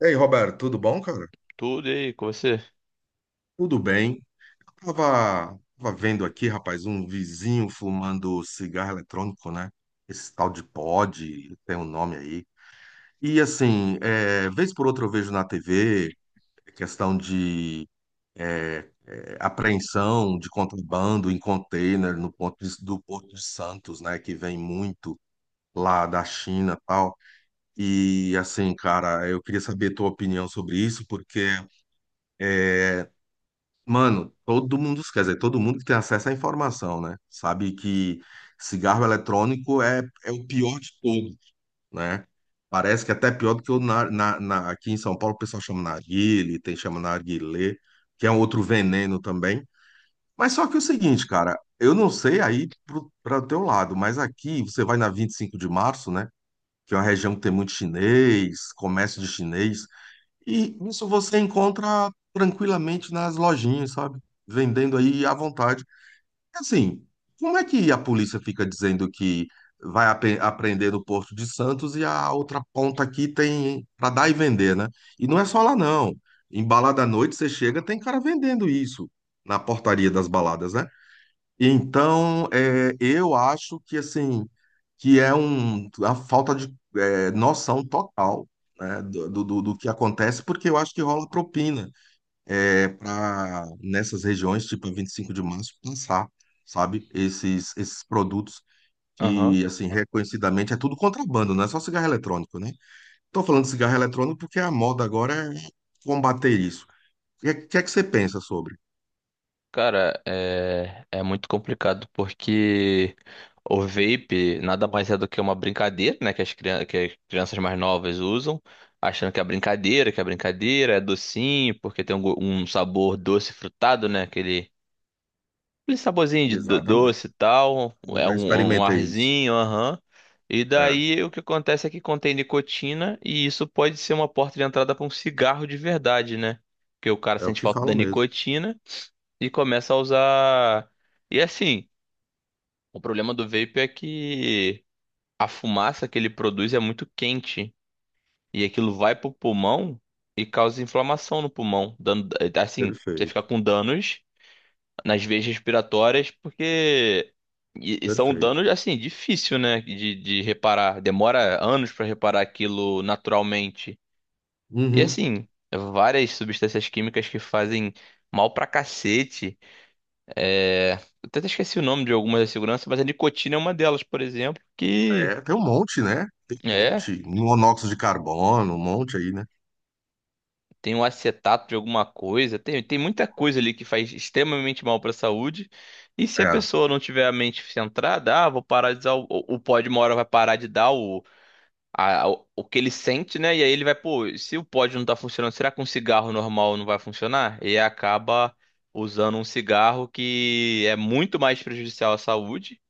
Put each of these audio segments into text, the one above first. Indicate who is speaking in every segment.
Speaker 1: E aí, Roberto, tudo bom, cara?
Speaker 2: Tudo, e aí com você?
Speaker 1: Tudo bem. Eu tava vendo aqui, rapaz, um vizinho fumando cigarro eletrônico, né? Esse tal de pod, tem um nome aí. E assim, é, vez por outra eu vejo na TV questão de apreensão de contrabando em container no do Porto de Santos, né? Que vem muito lá da China e tal. E assim, cara, eu queria saber a tua opinião sobre isso, porque mano, todo mundo, quer dizer, todo mundo que tem acesso à informação, né? Sabe que cigarro eletrônico é o pior de tudo, né? Parece que é até pior do que o aqui em São Paulo o pessoal chama narguile, tem chama narguilé, que é um outro veneno também. Mas só que é o seguinte, cara, eu não sei aí para o teu lado, mas aqui você vai na 25 de Março, né? Que é uma região que tem muito chinês, comércio de chinês. E isso você encontra tranquilamente nas lojinhas, sabe? Vendendo aí à vontade. Assim, como é que a polícia fica dizendo que apreender no Porto de Santos e a outra ponta aqui tem para dar e vender, né? E não é só lá, não. Em balada à noite, você chega, tem cara vendendo isso na portaria das baladas, né? Então, é, eu acho que assim, a falta de noção total, né, do que acontece, porque eu acho que rola propina, é, para nessas regiões, tipo a 25 de Março, lançar, sabe, esses produtos
Speaker 2: Aham.
Speaker 1: que, assim, reconhecidamente é tudo contrabando, não é só cigarro eletrônico, né? Estou falando de cigarro eletrônico porque a moda agora é combater isso. É que você pensa sobre?
Speaker 2: Cara, é muito complicado porque o vape nada mais é do que uma brincadeira, né? Que as crianças mais novas usam, achando que é brincadeira, é docinho, porque tem um sabor doce frutado, né? Aquele saborzinho de
Speaker 1: Exatamente.
Speaker 2: doce e tal,
Speaker 1: Eu
Speaker 2: é
Speaker 1: já
Speaker 2: um
Speaker 1: experimentei isso.
Speaker 2: arzinho, aham. E
Speaker 1: É.
Speaker 2: daí o que acontece é que contém nicotina e isso pode ser uma porta de entrada para um cigarro de verdade, né? Porque o cara
Speaker 1: É o
Speaker 2: sente
Speaker 1: que
Speaker 2: falta da
Speaker 1: falam mesmo.
Speaker 2: nicotina e começa a usar. E assim, o problema do vape é que a fumaça que ele produz é muito quente e aquilo vai pro pulmão e causa inflamação no pulmão, dando assim, você fica
Speaker 1: Perfeito,
Speaker 2: com danos nas veias respiratórias, porque e são
Speaker 1: perfeito.
Speaker 2: danos assim difícil, né, de reparar. Demora anos para reparar aquilo naturalmente. E
Speaker 1: Uhum.
Speaker 2: assim, várias substâncias químicas que fazem mal pra cacete. É... eu Até esqueci o nome de algumas da segurança, mas a nicotina é uma delas, por exemplo, que
Speaker 1: É, tem um monte, né? Tem um
Speaker 2: é.
Speaker 1: monte. Monóxido de carbono, um monte aí, né?
Speaker 2: Tem um acetato de alguma coisa, tem muita coisa ali que faz extremamente mal para a saúde. E se a
Speaker 1: É,
Speaker 2: pessoa não tiver a mente centrada, ah, vou parar de usar o pódio, uma hora vai parar de dar o que ele sente, né? E aí ele vai, pô, se o pódio não tá funcionando, será que um cigarro normal não vai funcionar? E acaba usando um cigarro que é muito mais prejudicial à saúde.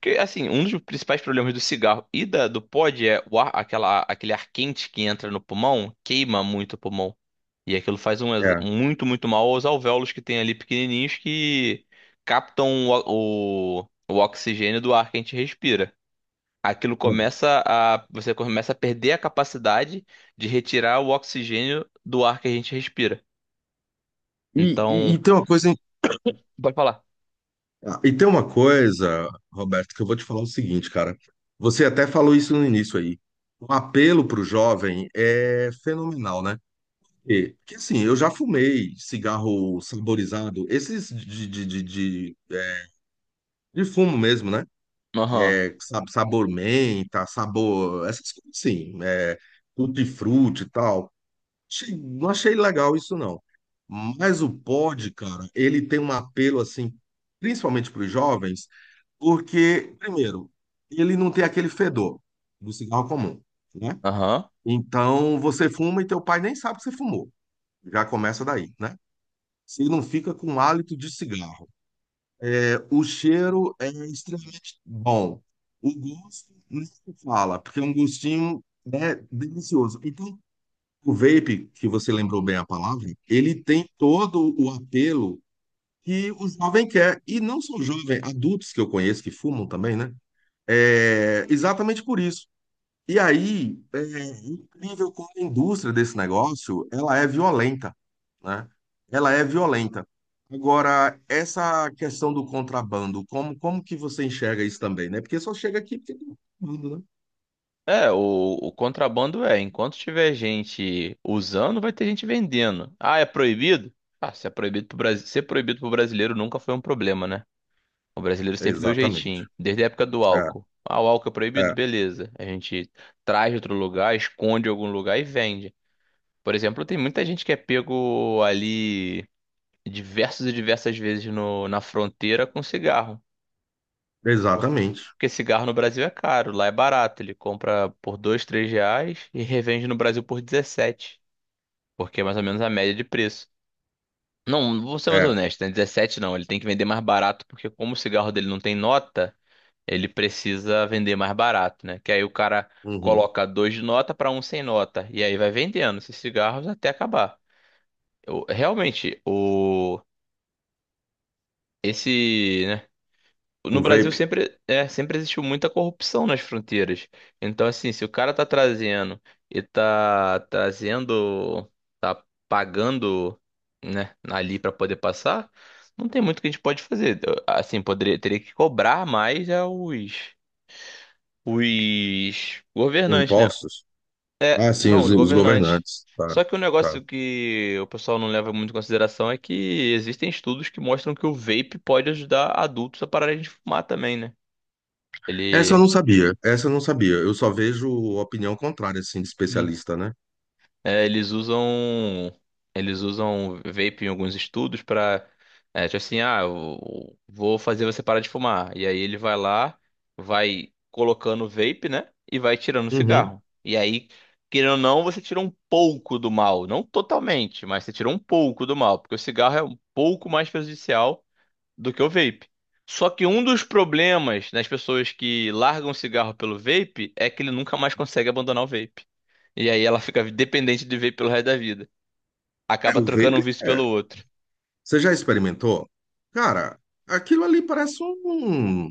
Speaker 2: Porque, assim, um dos principais problemas do cigarro e do pod é aquele ar quente que entra no pulmão, queima muito o pulmão. E aquilo faz
Speaker 1: é.
Speaker 2: muito, muito mal aos alvéolos que tem ali pequenininhos que captam o oxigênio do ar que a gente respira. Aquilo
Speaker 1: É.
Speaker 2: você começa a perder a capacidade de retirar o oxigênio do ar que a gente respira.
Speaker 1: E
Speaker 2: Então,
Speaker 1: tem uma
Speaker 2: pode falar.
Speaker 1: Roberto, que eu vou te falar o seguinte, cara. Você até falou isso no início aí. O apelo para o jovem é fenomenal, né? E, que assim, eu já fumei cigarro saborizado, esses de fumo mesmo, né?
Speaker 2: Aham,
Speaker 1: É, sabor menta, sabor, essas coisas assim, é, tutti-frutti e tal. Não achei legal isso, não. Mas o pod, cara, ele tem um apelo, assim, principalmente para os jovens, porque, primeiro, ele não tem aquele fedor do cigarro comum, né?
Speaker 2: aham.
Speaker 1: Então, você fuma e teu pai nem sabe que você fumou. Já começa daí, né? Você não fica com um hálito de cigarro. O cheiro é extremamente bom. O gosto nem se fala, porque é um gostinho, né, delicioso. Então, o vape, que você lembrou bem a palavra, ele tem todo o apelo que o jovem quer. E não só jovem, adultos que eu conheço que fumam também, né? É exatamente por isso. E aí, é incrível como a indústria desse negócio, ela é violenta, né? Ela é violenta. Agora, essa questão do contrabando, como que você enxerga isso também, né? Porque só chega aqui porque tem contrabando, né?
Speaker 2: É, o, o contrabando é, enquanto tiver gente usando, vai ter gente vendendo. Ah, é proibido? Ah, se é proibido pro Brasil, ser proibido pro brasileiro nunca foi um problema, né? O brasileiro sempre deu
Speaker 1: Exatamente.
Speaker 2: jeitinho. Desde a época do
Speaker 1: É,
Speaker 2: álcool. Ah, o álcool é proibido?
Speaker 1: é,
Speaker 2: Beleza. A gente traz de outro lugar, esconde em algum lugar e vende. Por exemplo, tem muita gente que é pego ali diversas e diversas vezes na fronteira com cigarro. Porque,
Speaker 1: exatamente.
Speaker 2: porque cigarro no Brasil é caro, lá é barato. Ele compra por 2, 3 reais e revende no Brasil por 17. Porque é mais ou menos a média de preço. Não, vou ser mais
Speaker 1: É.
Speaker 2: honesto, né? 17 não, ele tem que vender mais barato, porque como o cigarro dele não tem nota. Ele precisa vender mais barato, né? Que aí o cara
Speaker 1: Uhum.
Speaker 2: coloca dois de nota para um sem nota. E aí vai vendendo esses cigarros até acabar. Realmente, né? No
Speaker 1: O
Speaker 2: Brasil
Speaker 1: vape,
Speaker 2: sempre, é, sempre existiu muita corrupção nas fronteiras. Então, assim, se o cara tá trazendo e tá trazendo, tá pagando, né, ali para poder passar, não tem muito que a gente pode fazer. Assim, poderia, teria que cobrar mais aos. Os governantes, né?
Speaker 1: impostos. Ah, sim,
Speaker 2: Não, os
Speaker 1: os
Speaker 2: governantes.
Speaker 1: governantes. Tá,
Speaker 2: Só que o
Speaker 1: tá.
Speaker 2: negócio que o pessoal não leva muito em consideração é que existem estudos que mostram que o vape pode ajudar adultos a pararem de fumar também, né?
Speaker 1: Essa eu
Speaker 2: Ele
Speaker 1: não sabia, essa eu não sabia. Eu só vejo opinião contrária, assim, de especialista, né?
Speaker 2: é, eles usam vape em alguns estudos para é, tipo assim, ah, eu vou fazer você parar de fumar. E aí ele vai lá, vai colocando o vape, né? E vai tirando o
Speaker 1: Uhum.
Speaker 2: cigarro. E aí, querendo ou não, você tira um pouco do mal, não totalmente, mas você tira um pouco do mal, porque o cigarro é um pouco mais prejudicial do que o vape. Só que um dos problemas nas pessoas que largam o cigarro pelo vape é que ele nunca mais consegue abandonar o vape. E aí ela fica dependente de vape pelo resto da vida.
Speaker 1: É,
Speaker 2: Acaba
Speaker 1: o
Speaker 2: trocando
Speaker 1: vape
Speaker 2: um vício pelo
Speaker 1: é
Speaker 2: outro.
Speaker 1: você já experimentou? Cara, aquilo ali parece um,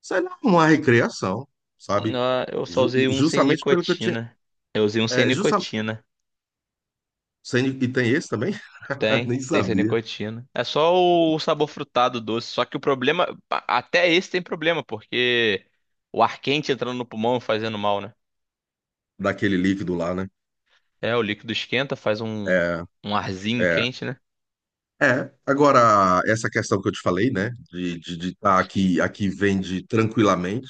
Speaker 1: sei lá, uma recriação, sabe?
Speaker 2: Não, eu só usei um sem
Speaker 1: Justamente pelo que eu tinha.
Speaker 2: nicotina. Eu usei um sem
Speaker 1: É, justa,
Speaker 2: nicotina.
Speaker 1: sem- e tem esse também?
Speaker 2: Tem,
Speaker 1: Nem
Speaker 2: tem sem
Speaker 1: sabia
Speaker 2: nicotina. É só o sabor frutado doce. Só que o problema, até esse tem problema, porque o ar quente entrando no pulmão e fazendo mal, né?
Speaker 1: daquele líquido lá, né?
Speaker 2: É, o líquido esquenta, faz um,
Speaker 1: É,
Speaker 2: um arzinho
Speaker 1: é,
Speaker 2: quente, né?
Speaker 1: é. Agora, essa questão que eu te falei, né? De de tá aqui, aqui vende tranquilamente,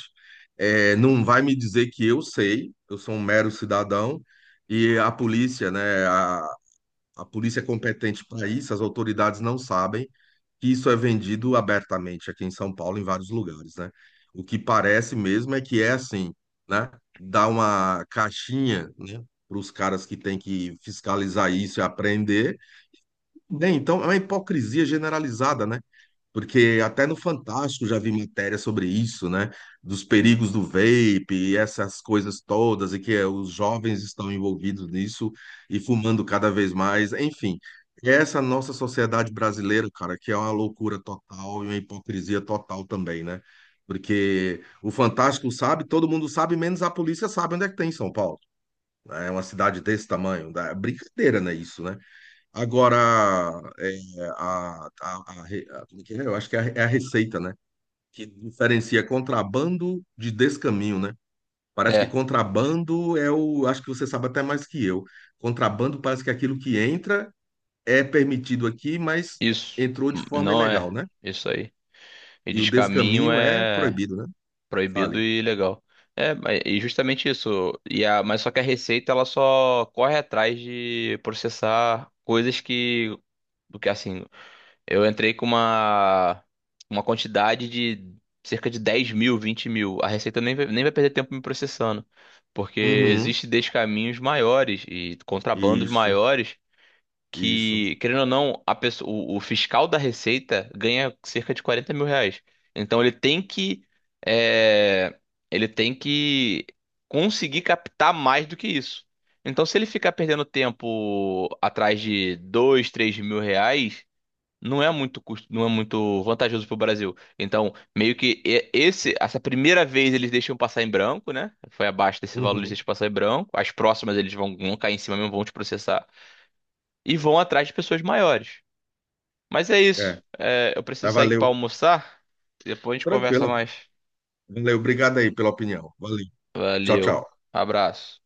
Speaker 1: é, não vai me dizer que eu sei, eu sou um mero cidadão, e a polícia, né? A polícia é competente para isso, as autoridades não sabem que isso é vendido abertamente aqui em São Paulo, em vários lugares, né? O que parece mesmo é que é assim, né? Dá uma caixinha, né? Para os caras que têm que fiscalizar isso e apreender. Bem, então é uma hipocrisia generalizada, né? Porque até no Fantástico já vi matéria sobre isso, né? Dos perigos do vape e essas coisas todas, e que os jovens estão envolvidos nisso e fumando cada vez mais. Enfim, essa nossa sociedade brasileira, cara, que é uma loucura total e uma hipocrisia total também, né? Porque o Fantástico sabe, todo mundo sabe, menos a polícia sabe onde é que tem em São Paulo. Né? É uma cidade desse tamanho. É brincadeira, né? Isso, né? Agora, é, como é que é? Eu acho que é a, é a receita, né? Que diferencia contrabando de descaminho, né? Parece que
Speaker 2: É,
Speaker 1: contrabando é o. Acho que você sabe até mais que eu. Contrabando parece que é aquilo que entra é permitido aqui, mas
Speaker 2: isso.
Speaker 1: entrou de forma
Speaker 2: Não
Speaker 1: ilegal,
Speaker 2: é
Speaker 1: né?
Speaker 2: isso aí. E
Speaker 1: E o
Speaker 2: descaminho
Speaker 1: descaminho é
Speaker 2: é.
Speaker 1: proibido, né?
Speaker 2: Proibido
Speaker 1: Fale.
Speaker 2: e ilegal. E justamente isso. E a, mas só que a Receita ela só corre atrás de processar coisas que, do que assim, eu entrei com uma quantidade de cerca de 10.000, 20.000. A Receita nem vai perder tempo me processando, porque
Speaker 1: Uhum.
Speaker 2: existe descaminhos maiores e contrabandos
Speaker 1: Isso,
Speaker 2: maiores
Speaker 1: isso.
Speaker 2: que, querendo ou não, a pessoa, o fiscal da Receita ganha cerca de 40.000 reais. Então ele tem que, é, ele tem que conseguir captar mais do que isso. Então se ele ficar perdendo tempo atrás de 2, 3.000 reais, não é muito custo, não é muito vantajoso para o Brasil. Então meio que essa primeira vez eles deixam passar em branco, né? Foi abaixo desse valor eles
Speaker 1: Uhum.
Speaker 2: deixam passar em branco. As próximas eles vão, vão cair em cima mesmo, vão te processar e vão atrás de pessoas maiores. Mas é isso.
Speaker 1: É,
Speaker 2: É, eu
Speaker 1: tá,
Speaker 2: preciso sair aqui para
Speaker 1: valeu.
Speaker 2: almoçar. Depois a gente conversa
Speaker 1: Tranquila.
Speaker 2: mais.
Speaker 1: Valeu, obrigado aí pela opinião. Valeu. Tchau,
Speaker 2: Valeu.
Speaker 1: tchau.
Speaker 2: Abraço.